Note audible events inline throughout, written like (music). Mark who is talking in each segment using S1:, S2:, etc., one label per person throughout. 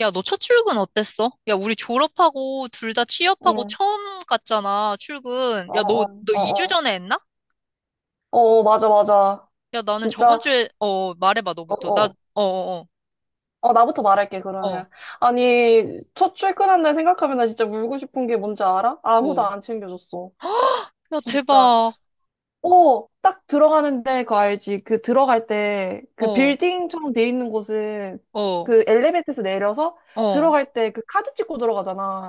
S1: 야, 너 첫 출근 어땠어? 야, 우리 졸업하고 둘 다 취업하고
S2: 응.
S1: 처음 갔잖아, 출근.
S2: 어,
S1: 야, 너,
S2: 어,
S1: 너
S2: 어,
S1: 2주
S2: 어.
S1: 전에 했나?
S2: 어, 어, 맞아, 맞아.
S1: 야, 나는 저번
S2: 진짜,
S1: 주에, 말해봐,
S2: 어,
S1: 너부터. 나,
S2: 어.
S1: 어, 어,
S2: 어, 나부터 말할게,
S1: 어, 어,
S2: 그러면. 아니, 첫 출근한 날 생각하면 나 진짜 울고 싶은 게 뭔지 알아? 아무도
S1: 뭐.
S2: 안 챙겨줬어.
S1: 야,
S2: 진짜.
S1: 대박.
S2: 오, 딱 들어가는데 그거 알지? 그 들어갈 때
S1: 어,
S2: 그
S1: 어,
S2: 빌딩처럼 돼 있는 곳은
S1: 어,
S2: 그 엘리베이터에서 내려서
S1: 어,
S2: 들어갈 때 그 카드 찍고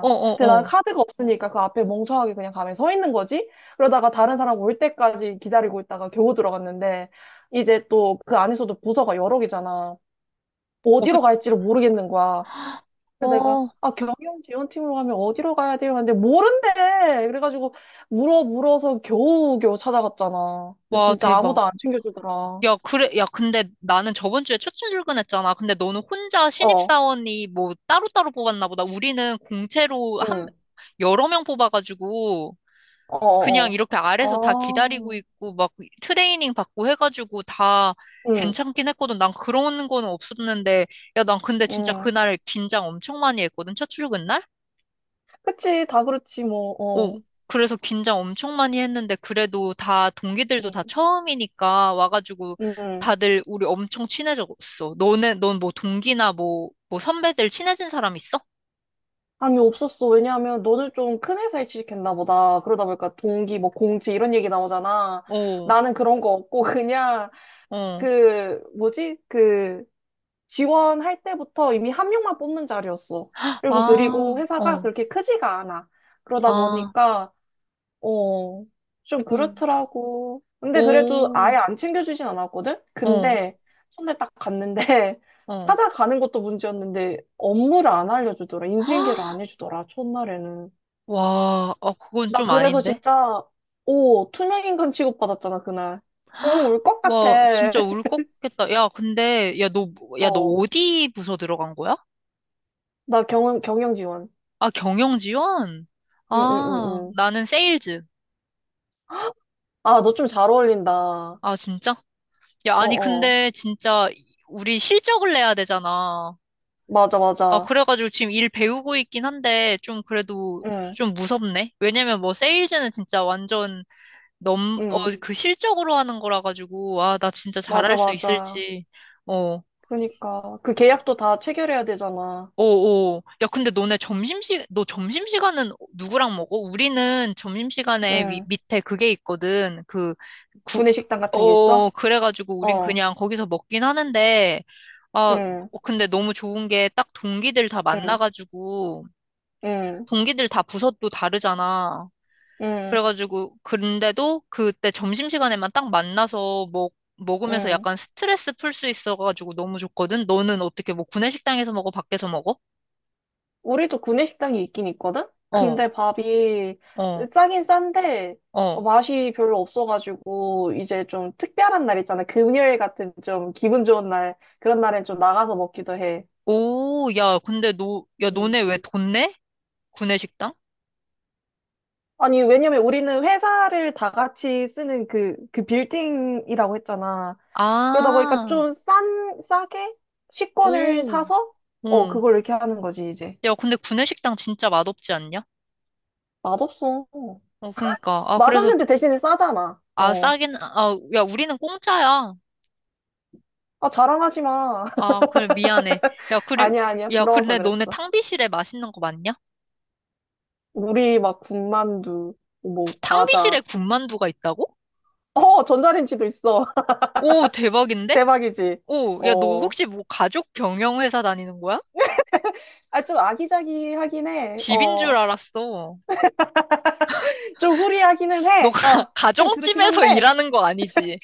S1: 어,
S2: 근데 난
S1: 어.
S2: 카드가 없으니까 그 앞에 멍청하게 그냥 가만히 서 있는 거지? 그러다가 다른 사람 올 때까지 기다리고 있다가 겨우 들어갔는데 이제 또 그 안에서도 부서가 여러 개잖아.
S1: 어, 그,
S2: 어디로 갈지를 모르겠는 거야. 그래서
S1: 어,
S2: 내가 아 경영 지원팀으로 가면 어디로 가야 돼요? 근데 모른대. 그래가지고 물어서 겨우 찾아갔잖아. 근데
S1: 와,
S2: 진짜 아무도
S1: 대박.
S2: 안 챙겨주더라.
S1: 야, 그래, 야, 근데 나는 저번 주에 첫 출근했잖아. 근데 너는 혼자
S2: 어,
S1: 신입사원이 뭐 따로따로 뽑았나 보다. 우리는 공채로 한,
S2: 응,
S1: 여러 명 뽑아가지고,
S2: 어,
S1: 그냥
S2: 어,
S1: 이렇게 아래서 다 기다리고
S2: 어. 아,
S1: 있고, 막 트레이닝 받고 해가지고 다
S2: 응,
S1: 괜찮긴 했거든. 난 그런 거는 없었는데, 야, 난 근데 진짜
S2: 응.
S1: 그날 긴장 엄청 많이 했거든. 첫 출근 날?
S2: 그치, 다 그렇지 뭐.
S1: 오,
S2: 어,
S1: 그래서 긴장 엄청 많이 했는데, 그래도 다, 동기들도 다
S2: 응,
S1: 처음이니까 와가지고
S2: 응.
S1: 다들 우리 엄청 친해졌어. 너네, 넌 뭐 동기나 뭐 선배들 친해진 사람 있어?
S2: 감이 없었어. 왜냐하면 너는 좀 큰 회사에 취직했나 보다. 그러다 보니까 동기, 뭐 공지 이런 얘기 나오잖아.
S1: 오,
S2: 나는 그런 거 없고 그냥
S1: 어,
S2: 그 뭐지? 그 지원할 때부터 이미 한 명만 뽑는 자리였어. 그리고
S1: 아,
S2: 회사가
S1: 어,
S2: 그렇게 크지가 않아. 그러다
S1: 아,
S2: 보니까 어, 좀
S1: 헐.
S2: 그렇더라고. 근데 그래도 아예
S1: 오,
S2: 안 챙겨주진 않았거든?
S1: 어,
S2: 근데 손에 딱 갔는데 (laughs)
S1: 어.
S2: 찾아가는 것도 문제였는데 업무를 안 알려주더라. 인수인계를 안 해주더라. 첫날에는.
S1: 와, 어, 그건
S2: 나
S1: 좀
S2: 그래서
S1: 아닌데?
S2: 진짜 오, 투명인간 취급받았잖아, 그날. 어, 울 것
S1: 와,
S2: 같아.
S1: 진짜 울
S2: (laughs)
S1: 것 같겠다. 야, 근데, 야, 너
S2: 어,
S1: 어디 부서 들어간 거야?
S2: 나 경영 지원.
S1: 아, 경영 지원?
S2: 응, 응, 응,
S1: 아,
S2: 응.
S1: 나는 세일즈.
S2: 아, 너 좀 잘 어울린다. 어,
S1: 아, 진짜? 야, 아니,
S2: 어.
S1: 근데 진짜 우리 실적을 내야 되잖아.
S2: 맞아,
S1: 아,
S2: 맞아.
S1: 그래가지고 지금 일 배우고 있긴 한데, 좀 그래도
S2: 응,
S1: 좀 무섭네. 왜냐면 뭐 세일즈는 진짜 완전
S2: 응.
S1: 그 실적으로 하는 거라 가지고, 아, 나 진짜
S2: 맞아,
S1: 잘할 수
S2: 맞아.
S1: 있을지. 어.
S2: 그러니까. 그 계약도 다 체결해야 되잖아.
S1: 오오. 야, 근데 너네 너 점심시간은 누구랑 먹어? 우리는 점심시간에
S2: 응.
S1: 밑에 그게 있거든. 구,
S2: 구내식당 같은 게
S1: 어,
S2: 있어?
S1: 그래가지고 우린
S2: 어,
S1: 그냥 거기서 먹긴 하는데, 아,
S2: 응,
S1: 어, 근데 너무 좋은 게 딱 동기들 다
S2: 응,
S1: 만나가지고,
S2: 응,
S1: 동기들 다 부서도 다르잖아.
S2: 응,
S1: 그래가지고, 그런데도 그때 점심시간에만 딱 만나서 먹으면서
S2: 응.
S1: 약간 스트레스 풀 수 있어가지고 너무 좋거든? 너는 어떻게 뭐 구내식당에서 먹어? 밖에서 먹어?
S2: 우리도 구내식당이 있긴 있거든?
S1: 어.
S2: 근데 밥이
S1: 어.
S2: 싸긴 싼데
S1: 어.
S2: 어, 맛이 별로 없어가지고 이제 좀 특별한 날 있잖아. 금요일 같은 좀 기분 좋은 날. 그런 날엔 좀 나가서 먹기도 해.
S1: 오, 야, 근데 너, 야, 너네 왜 돈 내? 구내식당?
S2: 아니, 왜냐면 우리는 회사를 다 같이 쓰는 그, 그 빌딩이라고 했잖아. 그러다 보니까
S1: 아,
S2: 좀 싼, 싸게 식권을
S1: 오,
S2: 사서, 어,
S1: 응.
S2: 그걸 이렇게 하는 거지, 이제.
S1: 야, 근데 구내식당 진짜 맛없지 않냐?
S2: 맛없어.
S1: 어, 그러니까. 아, 그래서,
S2: 맛없는데 대신에 싸잖아.
S1: 아,
S2: 어.
S1: 싸긴, 아, 야, 우리는 공짜야.
S2: 아, 자랑하지 마. (laughs)
S1: 아, 그래, 미안해. 야, 그리,
S2: 아니야, 아니야.
S1: 야,
S2: 부러워서
S1: 근데 너네
S2: 그랬어.
S1: 탕비실에 맛있는 거 맞냐?
S2: 우리 막 군만두, 뭐,
S1: 탕비실에
S2: 과자.
S1: 군만두가 있다고?
S2: 어, 전자레인지도 있어. (laughs)
S1: 오, 대박인데?
S2: 대박이지.
S1: 오, 야, 너
S2: 어.
S1: 혹시 뭐 가족 경영회사 다니는 거야?
S2: 아, 좀 아기자기하긴 해.
S1: 집인 줄
S2: 어.
S1: 알았어.
S2: 좀 후리하기는
S1: 너 가,
S2: 해.
S1: (laughs)
S2: 어. 좀 그렇긴
S1: 가정집에서
S2: 한데.
S1: 일하는 거 아니지?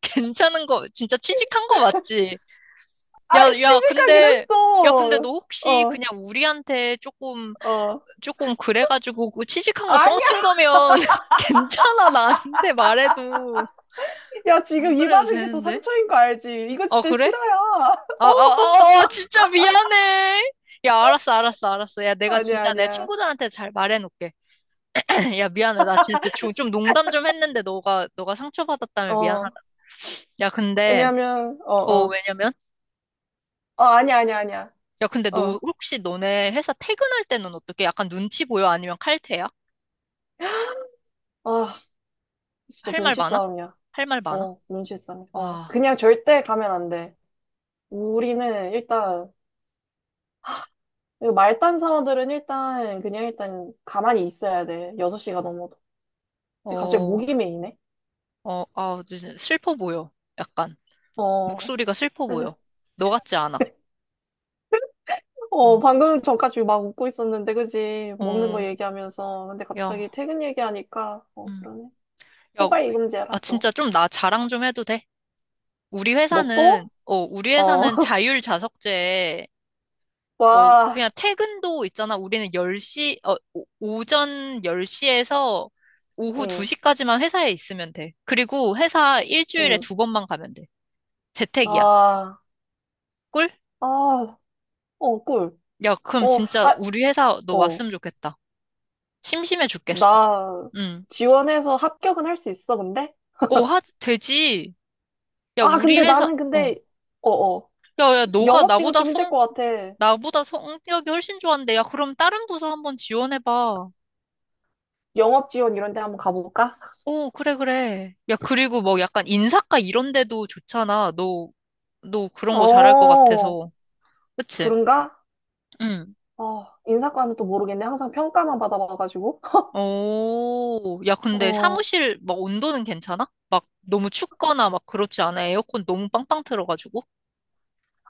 S1: 괜찮은 거, 진짜 취직한 거 맞지? 야,
S2: 아,
S1: 야,
S2: 취직하긴
S1: 근데, 야, 근데
S2: 했어.
S1: 너 혹시
S2: 어,
S1: 그냥 우리한테 조금,
S2: 어.
S1: 조금 그래가지고 그 취직한 거
S2: 아니야!
S1: 뻥친 거면 (laughs) 괜찮아, 나한테 말해도.
S2: 야, 지금
S1: 안
S2: 이
S1: 그래도
S2: 받은 게 더
S1: 되는데?
S2: 상처인 거 알지? 이거
S1: 아,
S2: 진짜
S1: 그래?
S2: 싫어요. (laughs)
S1: 아,
S2: 어,
S1: 아, 아, 아, 진짜 미안해. 야, 알았어, 알았어, 알았어. 야, 내가
S2: 아니야,
S1: 진짜 내
S2: 아니야.
S1: 친구들한테 잘 말해놓을게. (clears throat) 야, 미안해. 나 진짜 좀 농담 좀 했는데 너가 상처받았다면
S2: 어,
S1: 미안하다. 야, 근데,
S2: 왜냐면, 어,
S1: 어,
S2: 어.
S1: 왜냐면,
S2: 어, 아니야, 아니야, 아니야.
S1: 야, 근데 너
S2: 어.
S1: 혹시 너네 회사 퇴근할 때는 어떻게? 약간 눈치 보여? 아니면 칼퇴야?
S2: 아, 진짜
S1: 할 말
S2: 눈치
S1: 많아?
S2: 싸움이야.
S1: 할 말 많아?
S2: 어, 눈치 싸움. 어.
S1: 와,
S2: 그냥 절대 가면 안 돼. 우리는 일단, 이거 말단 사원들은 일단, 그냥 일단 가만히 있어야 돼. 6시가 넘어도. 갑자기
S1: 어,
S2: 목이 메이네.
S1: 어, 아, 진짜 슬퍼 보여. 약간
S2: 어.
S1: 목소리가 슬퍼 보여.
S2: 그래서
S1: 너 같지 않아.
S2: 어,
S1: 어,
S2: 방금 전까지 막 웃고 있었는데, 그지? 먹는 거
S1: 어,
S2: 얘기하면서. 근데 갑자기
S1: 야,
S2: 퇴근 얘기하니까, 어,
S1: 음,
S2: 그러네.
S1: 야,
S2: 호가
S1: 우- 아,
S2: 이금제라, 또.
S1: 진짜 좀 나 자랑 좀 해도 돼?
S2: 너 또?
S1: 우리
S2: 어,
S1: 회사는
S2: (laughs)
S1: 자율 자석제에 어,
S2: 와,
S1: 그냥 퇴근도 있잖아. 우리는 열 시 어, 오- 오전 10시에서 오후
S2: 응,
S1: 2시까지만 회사에 있으면 돼. 그리고 회사 일주일에
S2: 응,
S1: 두 번만 가면 돼. 재택이야.
S2: 아,
S1: 꿀?
S2: 아, 어, 꿀.
S1: 야, 그럼
S2: 어,
S1: 진짜
S2: 아,
S1: 우리 회사 너
S2: 어,
S1: 왔으면 좋겠다. 심심해 죽겠어.
S2: 나
S1: 응.
S2: 지원해서 합격은 할 수 있어, 근데?
S1: 어, 하, 되지. 야,
S2: 아,
S1: 우리
S2: 근데
S1: 회사,
S2: 나는
S1: 어.
S2: 근데, 어, 어,
S1: 야, 야, 너가
S2: 영업 지원 좀 힘들 것 같아.
S1: 나보다 성격이 훨씬 좋은데, 야, 그럼 다른 부서 한번 지원해봐.
S2: 영업 지원 이런 데 한번 가볼까?
S1: 오, 그래, 그래. 야, 그리고 뭐 약간 인사과 이런 데도 좋잖아. 너 그런 거 잘할 것
S2: 어,
S1: 같아서. 그치?
S2: 그런가?
S1: 응.
S2: 어, 인사과는 또 모르겠네. 항상 평가만 받아봐가지고.
S1: 오, 야, 근데
S2: 어,
S1: 사무실 막 온도는 괜찮아? 막 너무 춥거나 막 그렇지 않아? 에어컨 너무 빵빵 틀어가지고?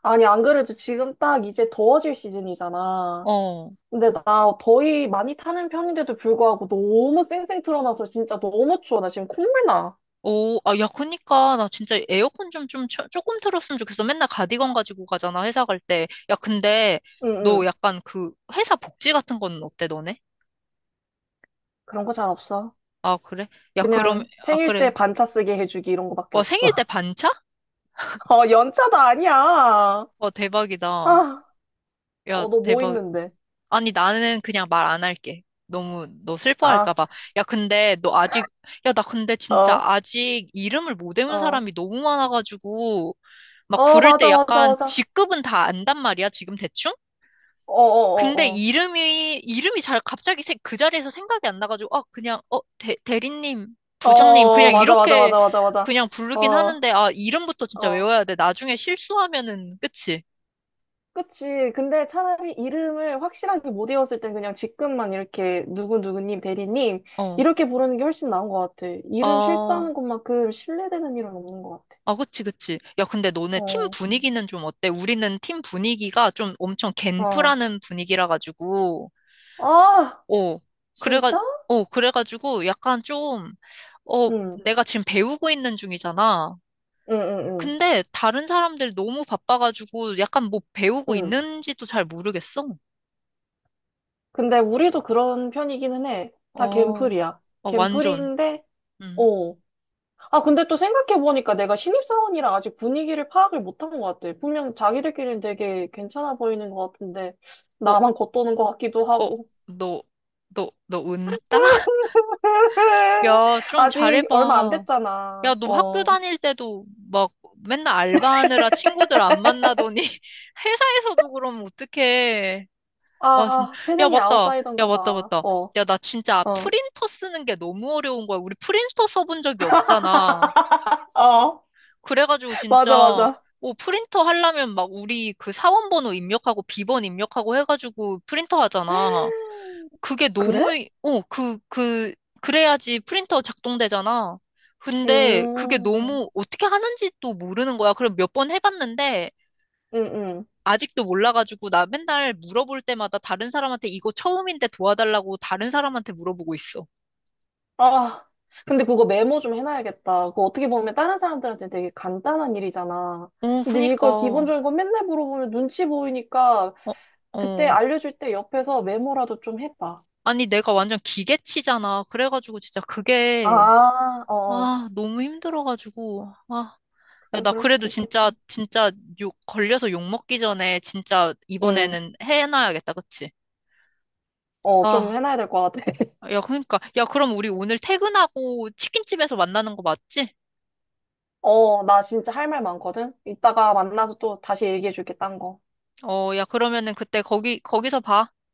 S2: 아니, 안 그래도 지금 딱 이제 더워질 시즌이잖아.
S1: 어.
S2: 근데 나 더위 많이 타는 편인데도 불구하고 너무 쌩쌩 틀어놔서 진짜 너무 추워. 나 지금 콧물 나.
S1: 오, 아, 야, 그니까, 나 진짜 에어컨 좀 조금 틀었으면 좋겠어. 맨날 가디건 가지고 가잖아, 회사 갈 때. 야, 근데,
S2: 응,
S1: 너
S2: 응.
S1: 약간 그, 회사 복지 같은 건 어때, 너네?
S2: 그런 거 잘 없어.
S1: 아, 그래? 야, 그럼,
S2: 그냥
S1: 아,
S2: 생일 때
S1: 그래.
S2: 반차 쓰게 해주기 이런 거밖에
S1: 와, 생일 때
S2: 없어. (laughs)
S1: 반차?
S2: 어, 연차도 아니야.
S1: 와, 대박이다.
S2: 아,
S1: 야,
S2: 어, 너 뭐
S1: 대박.
S2: 있는데?
S1: 아니, 나는 그냥 말 안 할게. 너무, 너
S2: 아,
S1: 슬퍼할까 봐. 야, 근데 너 아직, 야, 나 근데 진짜
S2: 어,
S1: 아직 이름을 못 외운
S2: 어.
S1: 사람이 너무 많아가지고, 막
S2: 어,
S1: 부를 때
S2: 맞아, 맞아,
S1: 약간
S2: 맞아.
S1: 직급은 다 안단 말이야, 지금 대충?
S2: 어, 어,
S1: 근데
S2: 어, 어.
S1: 이름이 잘 갑자기 그 자리에서 생각이 안 나가지고, 아, 그냥, 어, 대리님,
S2: 어,
S1: 부장님,
S2: 어, 어.
S1: 그냥
S2: 맞아, 맞아,
S1: 이렇게
S2: 맞아, 맞아, 맞아.
S1: 그냥 부르긴
S2: 어.
S1: 하는데, 아, 이름부터 진짜
S2: 어,
S1: 외워야 돼. 나중에 실수하면은, 그치?
S2: 그치. 근데 차라리 이름을 확실하게 못 외웠을 땐 그냥 직급만 이렇게 누구누구님, 대리님
S1: 어.
S2: 이렇게 부르는 게 훨씬 나은 것 같아. 이름
S1: 아,
S2: 실수하는 것만큼 신뢰되는 일은 없는 것 같아.
S1: 아, 그치, 그치. 야, 근데 너네 팀
S2: 어,
S1: 분위기는 좀 어때? 우리는 팀 분위기가 좀 엄청
S2: 어.
S1: 갠프라는 분위기라 가지고,
S2: 아,
S1: 어, 그래가,
S2: 진짜?
S1: 그래가지고 약간 좀, 어,
S2: 응,
S1: 내가 지금 배우고 있는 중이잖아.
S2: 응, 응, 응,
S1: 근데 다른 사람들 너무 바빠가지고 약간 뭐 배우고
S2: 응.
S1: 있는지도 잘 모르겠어.
S2: 근데 우리도 그런 편이기는 해. 다
S1: 어,
S2: 갠플이야.
S1: 어, 완전.
S2: 갠플인데,
S1: 음.
S2: 어, 아, 근데 또 생각해보니까 내가 신입사원이라 아직 분위기를 파악을 못한 것 같아. 분명 자기들끼리는 되게 괜찮아 보이는 것 같은데,
S1: 어,
S2: 나만 겉도는 것 같기도
S1: 어,
S2: 하고.
S1: 너, 너 은따? (laughs)
S2: (laughs)
S1: 야, 좀
S2: 아직 얼마 안
S1: 잘해봐. 야,
S2: 됐잖아.
S1: 너 학교
S2: 어.
S1: 다닐 때도 막 맨날 알바하느라 친구들 안 만나더니 (laughs) 회사에서도 그럼 어떡해. 아, 진
S2: 아,
S1: 야,
S2: 태생이
S1: 맞다. 야,
S2: 아웃사이더인가
S1: 맞다,
S2: 봐.
S1: 맞다.
S2: 어,
S1: 야, 나 진짜
S2: 어.
S1: 프린터 쓰는 게 너무 어려운 거야. 우리 프린터 써본 적이 없잖아.
S2: 어,
S1: 그래가지고
S2: 맞아,
S1: 진짜,
S2: 맞아.
S1: 뭐 프린터 하려면 막 우리 그 사원 번호 입력하고 비번 입력하고 해가지고 프린터 하잖아. 그게
S2: 그래?
S1: 너무, 어, 그, 그, 그래야지 프린터 작동되잖아. 근데 그게
S2: 음,
S1: 너무 어떻게 하는지 또 모르는 거야. 그럼 몇 번 해봤는데
S2: 음, 음.
S1: 아직도 몰라가지고 나 맨날 물어볼 때마다 다른 사람한테 이거 처음인데 도와달라고 다른 사람한테 물어보고 있어.
S2: 아, 근데 그거 메모 좀 해놔야겠다. 그거 어떻게 보면 다른 사람들한테 되게 간단한 일이잖아.
S1: 어,
S2: 근데
S1: 그니까.
S2: 이걸
S1: 어,
S2: 기본적인 거 맨날 물어보면 눈치 보이니까 그때
S1: 어.
S2: 알려줄 때 옆에서 메모라도 좀 해봐.
S1: 아니, 내가 완전 기계치잖아. 그래가지고 진짜 그게,
S2: 아, 어,
S1: 아, 너무 힘들어가지고, 아. 야,
S2: 그래,
S1: 나
S2: 그럴
S1: 그래도
S2: 수도 있겠다.
S1: 진짜, 진짜 걸려서 욕 먹기 전에 진짜
S2: 응.
S1: 이번에는 해놔야겠다, 그치?
S2: 어, 좀
S1: 아,
S2: 해놔야 될 것 같아. (laughs)
S1: 야, 그러니까. 야, 그럼 우리 오늘 퇴근하고 치킨집에서 만나는 거 맞지?
S2: 어, 나 진짜 할 말 많거든? 이따가 만나서 또 다시 얘기해줄게, 딴 거.
S1: 어, 야, 그러면은 그때 거기서 봐.